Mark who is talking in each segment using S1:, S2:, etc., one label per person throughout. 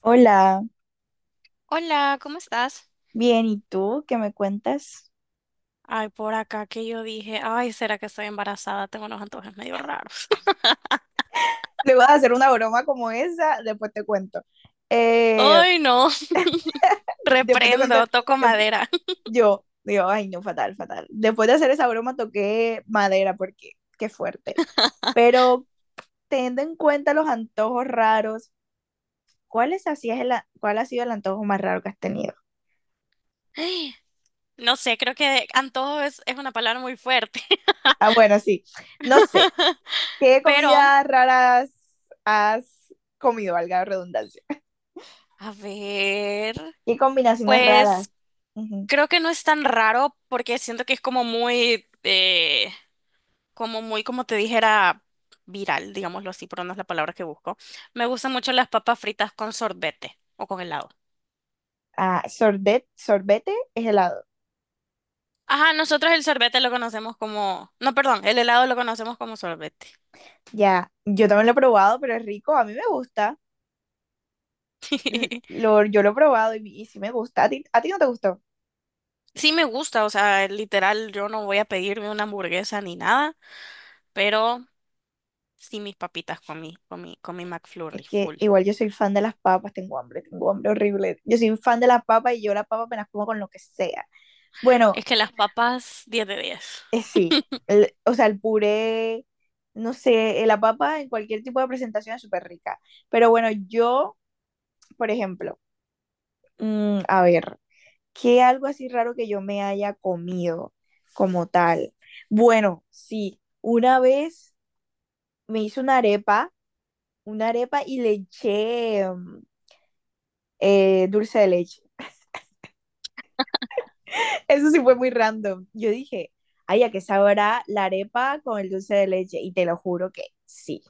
S1: Hola,
S2: Hola, ¿cómo estás?
S1: bien, ¿y tú qué me cuentas?
S2: Ay, por acá que yo dije, ay, ¿será que estoy embarazada? Tengo unos antojos medio raros.
S1: Luego de hacer una broma como esa, después te cuento. Eh,
S2: Ay, no.
S1: después te cuento. dep-
S2: Reprendo, toco madera.
S1: yo digo, ay, no, fatal, fatal. Después de hacer esa broma toqué madera porque qué fuerte. Pero teniendo en cuenta los antojos raros, ¿ cuál ha sido el antojo más raro que has tenido?
S2: No sé, creo que antojo es una palabra muy fuerte,
S1: Ah, bueno, sí. No sé. ¿Qué
S2: pero
S1: comidas raras has comido, valga la redundancia?
S2: a ver,
S1: ¿Qué combinaciones raras?
S2: pues creo que no es tan raro porque siento que es como muy, como muy, como te dijera, viral, digámoslo así, pero no es la palabra que busco. Me gustan mucho las papas fritas con sorbete o con helado.
S1: Ah, sorbet, sorbete es helado.
S2: Ajá, nosotros el sorbete lo conocemos como, no, perdón, el helado lo conocemos como sorbete.
S1: Ya, yo también lo he probado, pero es rico, a mí me gusta. Yo lo he probado y, sí me gusta. ¿A ti, no te gustó?
S2: Sí me gusta, o sea, literal, yo no voy a pedirme una hamburguesa ni nada, pero sí mis papitas con mi McFlurry
S1: Es que
S2: full.
S1: igual yo soy fan de las papas, tengo hambre horrible. Yo soy fan de las papas y yo las papas me las como con lo que sea. Bueno,
S2: Es que las papas 10 de 10.
S1: sí, o sea, el puré, no sé, la papa en cualquier tipo de presentación es súper rica. Pero bueno, yo, por ejemplo, a ver, que algo así raro que yo me haya comido como tal. Bueno, sí, una vez me hice una arepa y le eché dulce de leche. Eso sí fue muy random. Yo dije, ay, ¿a qué sabrá la arepa con el dulce de leche? Y te lo juro que sí.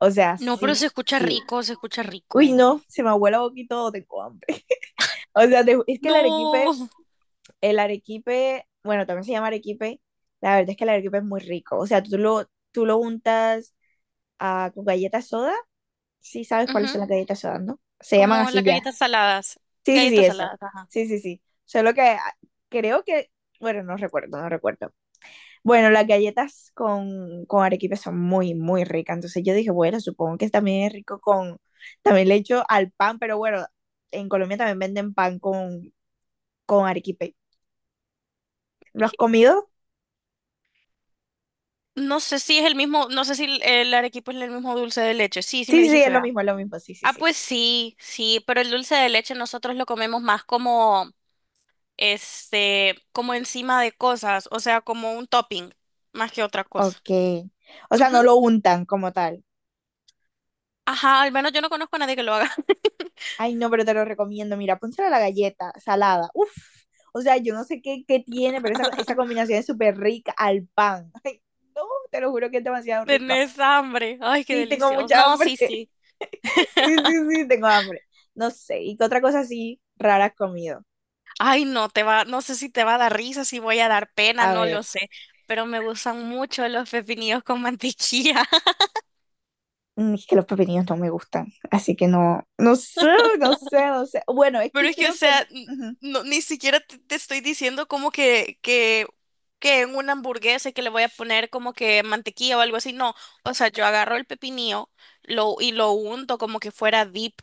S1: O sea,
S2: No, pero se
S1: sí,
S2: escucha
S1: sí.
S2: rico, se escucha
S1: Uy,
S2: rico.
S1: no, se me abuela boquito, tengo hambre. O sea, es que el arequipe.
S2: No. Ujú.
S1: El arequipe, bueno, también se llama arequipe. La verdad es que el arequipe es muy rico. O sea, tú lo untas, ah, con galletas soda. Sí sabes cuáles son las galletas soda, ¿no? Se llaman
S2: Como las
S1: así ya.
S2: galletas saladas.
S1: Sí, sí, sí,
S2: Galletas
S1: eso.
S2: saladas, ajá.
S1: Sí, sí, sí. Solo que ah, creo que, bueno, no recuerdo. Bueno, las galletas con arequipe son muy, muy ricas. Entonces yo dije, bueno, supongo que también es rico con, también le echo al pan, pero bueno, en Colombia también venden pan con arequipe. ¿Lo has comido?
S2: No sé si es el mismo, no sé si el arequipe es el mismo dulce de leche. Sí, sí me
S1: Sí, sí, sí,
S2: dijiste.
S1: es lo mismo, sí, sí,
S2: Ah,
S1: sí.
S2: pues sí, sí, pero el dulce de leche nosotros lo comemos más como, este, como encima de cosas, o sea, como un topping, más que otra cosa.
S1: Ok. O sea,
S2: Ujú.
S1: no lo untan como tal.
S2: Ajá, al menos yo no conozco a nadie que lo haga.
S1: Ay, no, pero te lo recomiendo. Mira, pónselo a la galleta salada. Uf. O sea, yo no sé qué, qué tiene, pero esa combinación es súper rica al pan. Ay, no, te lo juro que es demasiado rico.
S2: Tenés hambre. Ay, qué
S1: Sí, tengo
S2: delicioso.
S1: mucha
S2: No,
S1: hambre.
S2: sí, sí.
S1: Sí, sí, sí, tengo hambre. No sé. ¿Y qué otra cosa así rara has comido?
S2: Ay, no, te va, no sé si te va a dar risa, si voy a dar pena,
S1: A
S2: no
S1: ver.
S2: lo sé. Pero me gustan mucho los pepinillos con mantequilla.
S1: Mm, es que los pepinillos no me gustan. Así que no. No sé, no sé, no sé. Bueno, es
S2: Pero
S1: que
S2: es que, o
S1: creo que,
S2: sea,
S1: ujú,
S2: no, ni siquiera te estoy diciendo como que en una hamburguesa que le voy a poner como que mantequilla o algo así. No, o sea, yo agarro el pepinillo y lo unto como que fuera dip.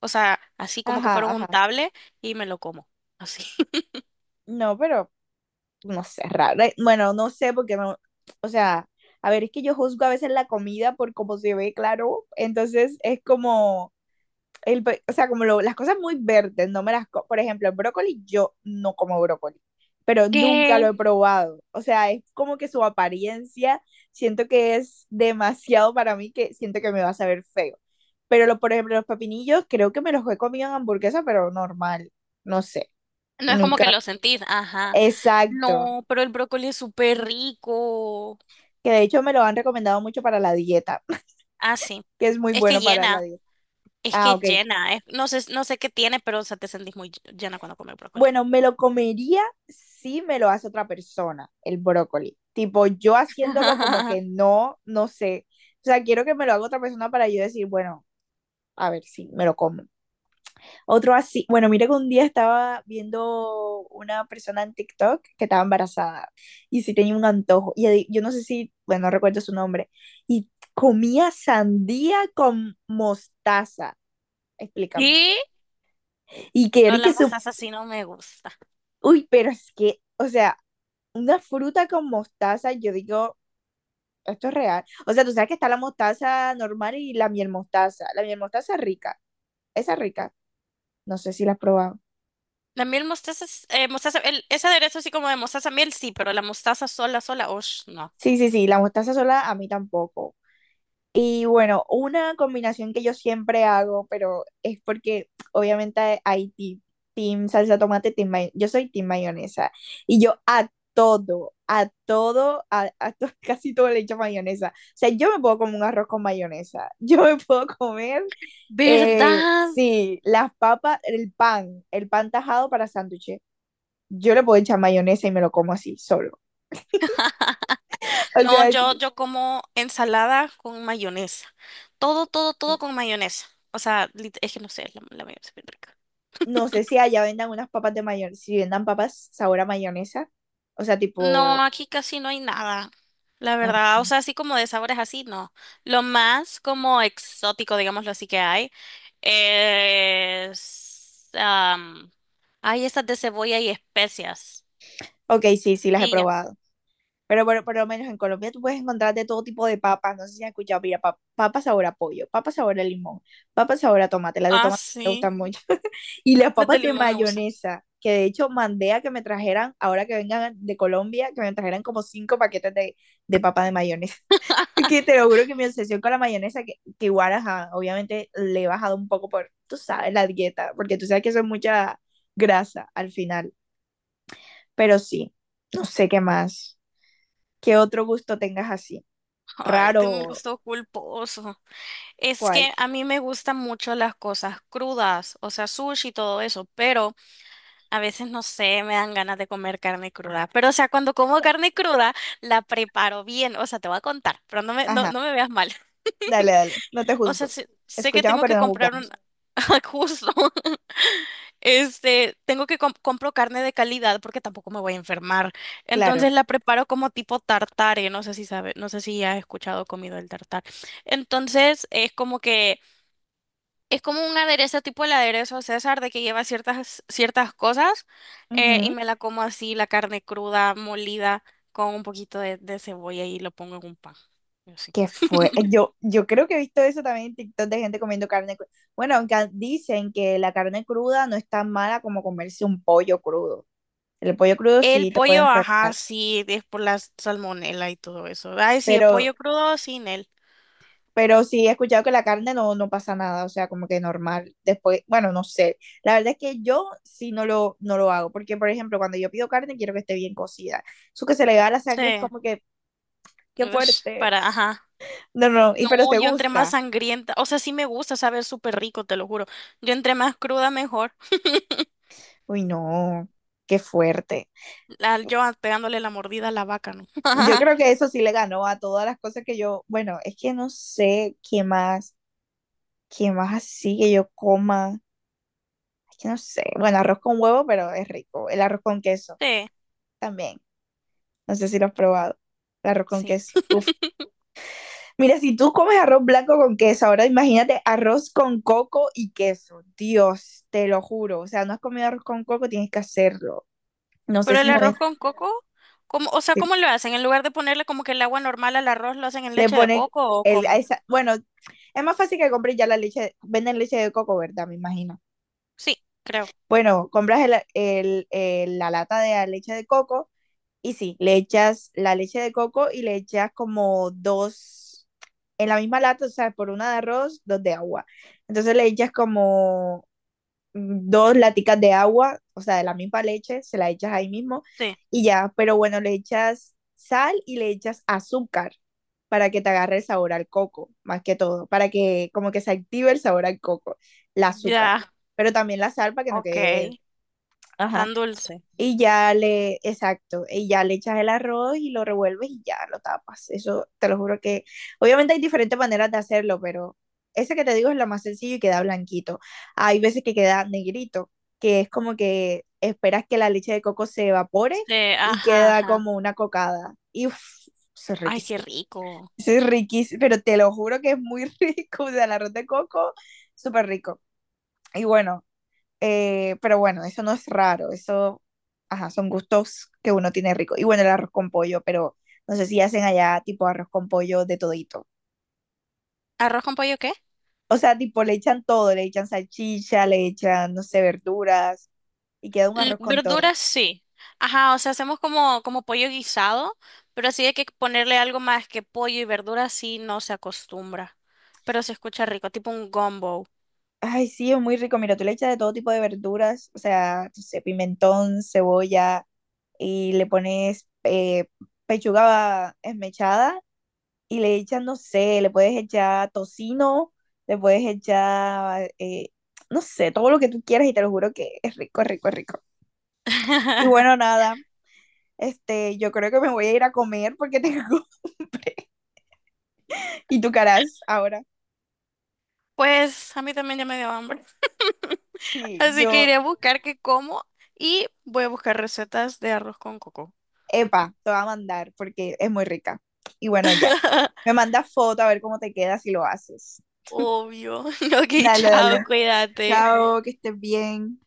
S2: O sea, así como que fuera
S1: ajá,
S2: un
S1: ajá.
S2: untable y me lo como. Así.
S1: No, pero no sé, raro. Bueno, no sé porque no, o sea, a ver, es que yo juzgo a veces la comida por cómo se ve, claro. Entonces es como, o sea, como las cosas muy verdes, no me las, co- por ejemplo, el brócoli, yo no como brócoli, pero nunca lo he
S2: ¿Qué?
S1: probado. O sea, es como que su apariencia, siento que es demasiado para mí, que siento que me va a saber feo. Pero, lo, por ejemplo, los pepinillos, creo que me los he comido en hamburguesa, pero normal, no sé,
S2: No es como que
S1: nunca.
S2: lo sentís. Ajá.
S1: Exacto.
S2: No, pero el brócoli es súper rico.
S1: Que de hecho me lo han recomendado mucho para la dieta,
S2: Ah, sí.
S1: que es muy
S2: Es que
S1: bueno para la
S2: llena.
S1: dieta.
S2: Es
S1: Ah,
S2: que
S1: ok.
S2: llena. No sé, no sé qué tiene, pero o sea, te sentís muy llena cuando comes brócoli.
S1: Bueno, me lo comería si me lo hace otra persona, el brócoli. Tipo, yo haciéndolo como que no, no sé. O sea, quiero que me lo haga otra persona para yo decir, bueno, a ver si me lo como. Otro así, bueno, mira que un día estaba viendo una persona en TikTok que estaba embarazada y sí tenía un antojo. Yo no sé si, bueno, no recuerdo su nombre. Y comía sandía con mostaza. Explícame.
S2: Y
S1: Y que
S2: no,
S1: Eric
S2: la
S1: su...
S2: mostaza sí no me gusta.
S1: Uy, pero es que, o sea, una fruta con mostaza, yo digo, esto es real. O sea, tú sabes que está la mostaza normal y la miel mostaza. La miel mostaza es rica. Esa es rica. No sé si la has probado.
S2: La miel mostaza, mostaza ese aderezo así como de mostaza miel, sí, pero la mostaza sola, sola, osh, no.
S1: Sí, sí, sí, la mostaza sola a mí tampoco. Y bueno, una combinación que yo siempre hago, pero es porque obviamente hay team salsa tomate, yo soy team mayonesa. Y yo a todo, casi todo le echo mayonesa. O sea, yo me puedo comer un arroz con mayonesa. Yo me puedo comer,
S2: ¿Verdad?
S1: sí, las papas, el pan tajado para sándwiches. Yo le puedo echar mayonesa y me lo como así, solo. O
S2: No,
S1: sea,
S2: yo como ensalada con mayonesa. Todo, todo, todo con mayonesa. O sea, es que no sé, la mayonesa es bien rica.
S1: no sé si allá vendan unas papas de mayonesa, si vendan papas sabor a mayonesa. O sea, tipo...
S2: No, aquí casi no hay nada. La
S1: ah,
S2: verdad, o sea, así como de sabores así, no. Lo más como exótico, digámoslo así, que hay es, hay esas de cebolla y especias.
S1: ok, sí, sí, las he
S2: Y ya.
S1: probado. Pero por lo menos en Colombia tú puedes encontrar de todo tipo de papas. No sé si has escuchado, mira, papa sabor a pollo, papas sabor a limón, papas sabor a tomate. Las de
S2: Ah,
S1: tomate me
S2: sí.
S1: gustan mucho. Y las
S2: Las de
S1: papas de
S2: limón me gustan.
S1: mayonesa, que de hecho mandé a que me trajeran, ahora que vengan de Colombia, que me trajeran como 5 paquetes de papas de mayonesa. Es que te lo juro que mi obsesión con la mayonesa, que igual, ajá, obviamente le he bajado un poco por, tú sabes, la dieta, porque tú sabes que eso es mucha grasa al final. Pero sí, no sé qué más. ¿Qué otro gusto tengas así?
S2: Ay, tengo un
S1: ¿Raro?
S2: gusto culposo. Es
S1: ¿Cuál?
S2: que a mí me gustan mucho las cosas crudas, o sea, sushi y todo eso, pero a veces no sé, me dan ganas de comer carne cruda. Pero, o sea, cuando como carne cruda, la preparo bien, o sea, te voy a contar, pero
S1: Ajá,
S2: no me veas mal.
S1: dale, dale, no te
S2: O sea,
S1: juzgo.
S2: sé, sé que
S1: Escuchamos,
S2: tengo
S1: pero
S2: que
S1: no
S2: comprar un...
S1: juzgamos.
S2: Justo. Este, tengo que compro carne de calidad porque tampoco me voy a enfermar.
S1: Claro.
S2: Entonces la preparo como tipo tartare, no sé si sabe, no sé si has escuchado o comido el tartar. Entonces es como que es como un aderezo tipo el aderezo César de que lleva ciertas cosas, y
S1: Ujú.
S2: me la como así la carne cruda molida con un poquito de cebolla y lo pongo en un pan. Y así.
S1: ¿Qué fue? Yo, yo creo que he visto eso también en TikTok de gente comiendo carne cruda. Bueno, aunque dicen que la carne cruda no es tan mala como comerse un pollo crudo. El pollo crudo
S2: El
S1: sí te puede
S2: pollo, ajá,
S1: enfermar,
S2: sí, es por la salmonela y todo eso. Ay, sí, el
S1: pero,
S2: pollo crudo sin él.
S1: pero sí he escuchado que la carne no, no pasa nada, o sea, como que normal. Después, bueno, no sé. La verdad es que yo sí no lo, no lo hago, porque por ejemplo, cuando yo pido carne quiero que esté bien cocida. Eso que se le va a la
S2: Sí.
S1: sangre es como que, qué
S2: Ush,
S1: fuerte.
S2: para, ajá.
S1: No, no, y
S2: No,
S1: pero te
S2: yo entre más
S1: gusta.
S2: sangrienta, o sea, sí me gusta saber súper rico, te lo juro. Yo entre más cruda, mejor.
S1: Uy, no, qué fuerte.
S2: Yo pegándole la mordida a la vaca, ¿no?
S1: Yo creo que eso sí le ganó a todas las cosas que yo, bueno, es que no sé qué más así que yo coma. Es que no sé. Bueno, arroz con huevo, pero es rico. El arroz con queso
S2: Sí,
S1: también. No sé si lo has probado. El arroz con
S2: sí.
S1: queso. Mira, si tú comes arroz blanco con queso, ahora imagínate arroz con coco y queso. Dios, te lo juro. O sea, no has comido arroz con coco, tienes que hacerlo. No sé
S2: Pero
S1: si
S2: el
S1: no es.
S2: arroz con coco, ¿cómo, o sea,
S1: Si
S2: ¿cómo lo hacen? En lugar de ponerle como que el agua normal al arroz, ¿lo hacen en
S1: le
S2: leche de
S1: ponen
S2: coco o
S1: el,
S2: cómo?
S1: bueno, es más fácil que compres ya la leche, venden leche de coco, ¿verdad? Me imagino.
S2: Sí, creo.
S1: Bueno, compras la lata de la leche de coco. Y sí, le echas la leche de coco y le echas como dos, en la misma lata, o sea, por una de arroz, dos de agua. Entonces le echas como dos laticas de agua, o sea, de la misma leche, se la echas ahí mismo
S2: Sí.
S1: y ya, pero bueno, le echas sal y le echas azúcar para que te agarre el sabor al coco, más que todo, para que como que se active el sabor al coco, el azúcar,
S2: Ya,
S1: pero también la sal para que no
S2: ok.
S1: quede, ajá,
S2: Tan dulce.
S1: exacto, y ya le echas el arroz y lo revuelves y ya lo tapas. Eso te lo juro que, obviamente hay diferentes maneras de hacerlo, pero ese que te digo es la más sencilla y queda blanquito. Hay veces que queda negrito, que es como que esperas que la leche de coco se evapore
S2: Sí,
S1: y
S2: ajá,
S1: queda
S2: ajá.
S1: como una cocada. Y uff, eso es
S2: Ay, qué
S1: riquísimo.
S2: rico.
S1: Eso es riquísimo, pero te lo juro que es muy rico. O sea, el arroz de coco, súper rico. Y bueno, pero bueno, eso no es raro, eso, ajá, son gustos que uno tiene rico. Y bueno, el arroz con pollo, pero no sé si hacen allá tipo arroz con pollo de todito.
S2: ¿Arroz con pollo qué?
S1: O sea, tipo le echan todo, le echan salchicha, le echan, no sé, verduras y queda un arroz con todo.
S2: Verduras sí. Ajá, o sea, hacemos como, como pollo guisado, pero así hay que ponerle algo más que pollo y verduras sí no se acostumbra. Pero se escucha rico, tipo un gumbo.
S1: Ay, sí, es muy rico. Mira, tú le echas de todo tipo de verduras, o sea, no sé, pimentón, cebolla y le pones pechuga esmechada y le echas, no sé, le puedes echar tocino, le puedes echar, no sé, todo lo que tú quieras y te lo juro que es rico, es rico, es rico. Y bueno, nada, este, yo creo que me voy a ir a comer porque tengo y tu caras ahora.
S2: Pues a mí también ya me dio hambre.
S1: Sí,
S2: Así que
S1: yo,
S2: iré a buscar qué como y voy a buscar recetas de arroz con coco.
S1: epa, te voy a mandar porque es muy rica. Y bueno, ya. Me mandas foto a ver cómo te queda si lo haces.
S2: Obvio. Ok,
S1: Dale,
S2: chao,
S1: dale.
S2: cuídate.
S1: Chao, que estés bien.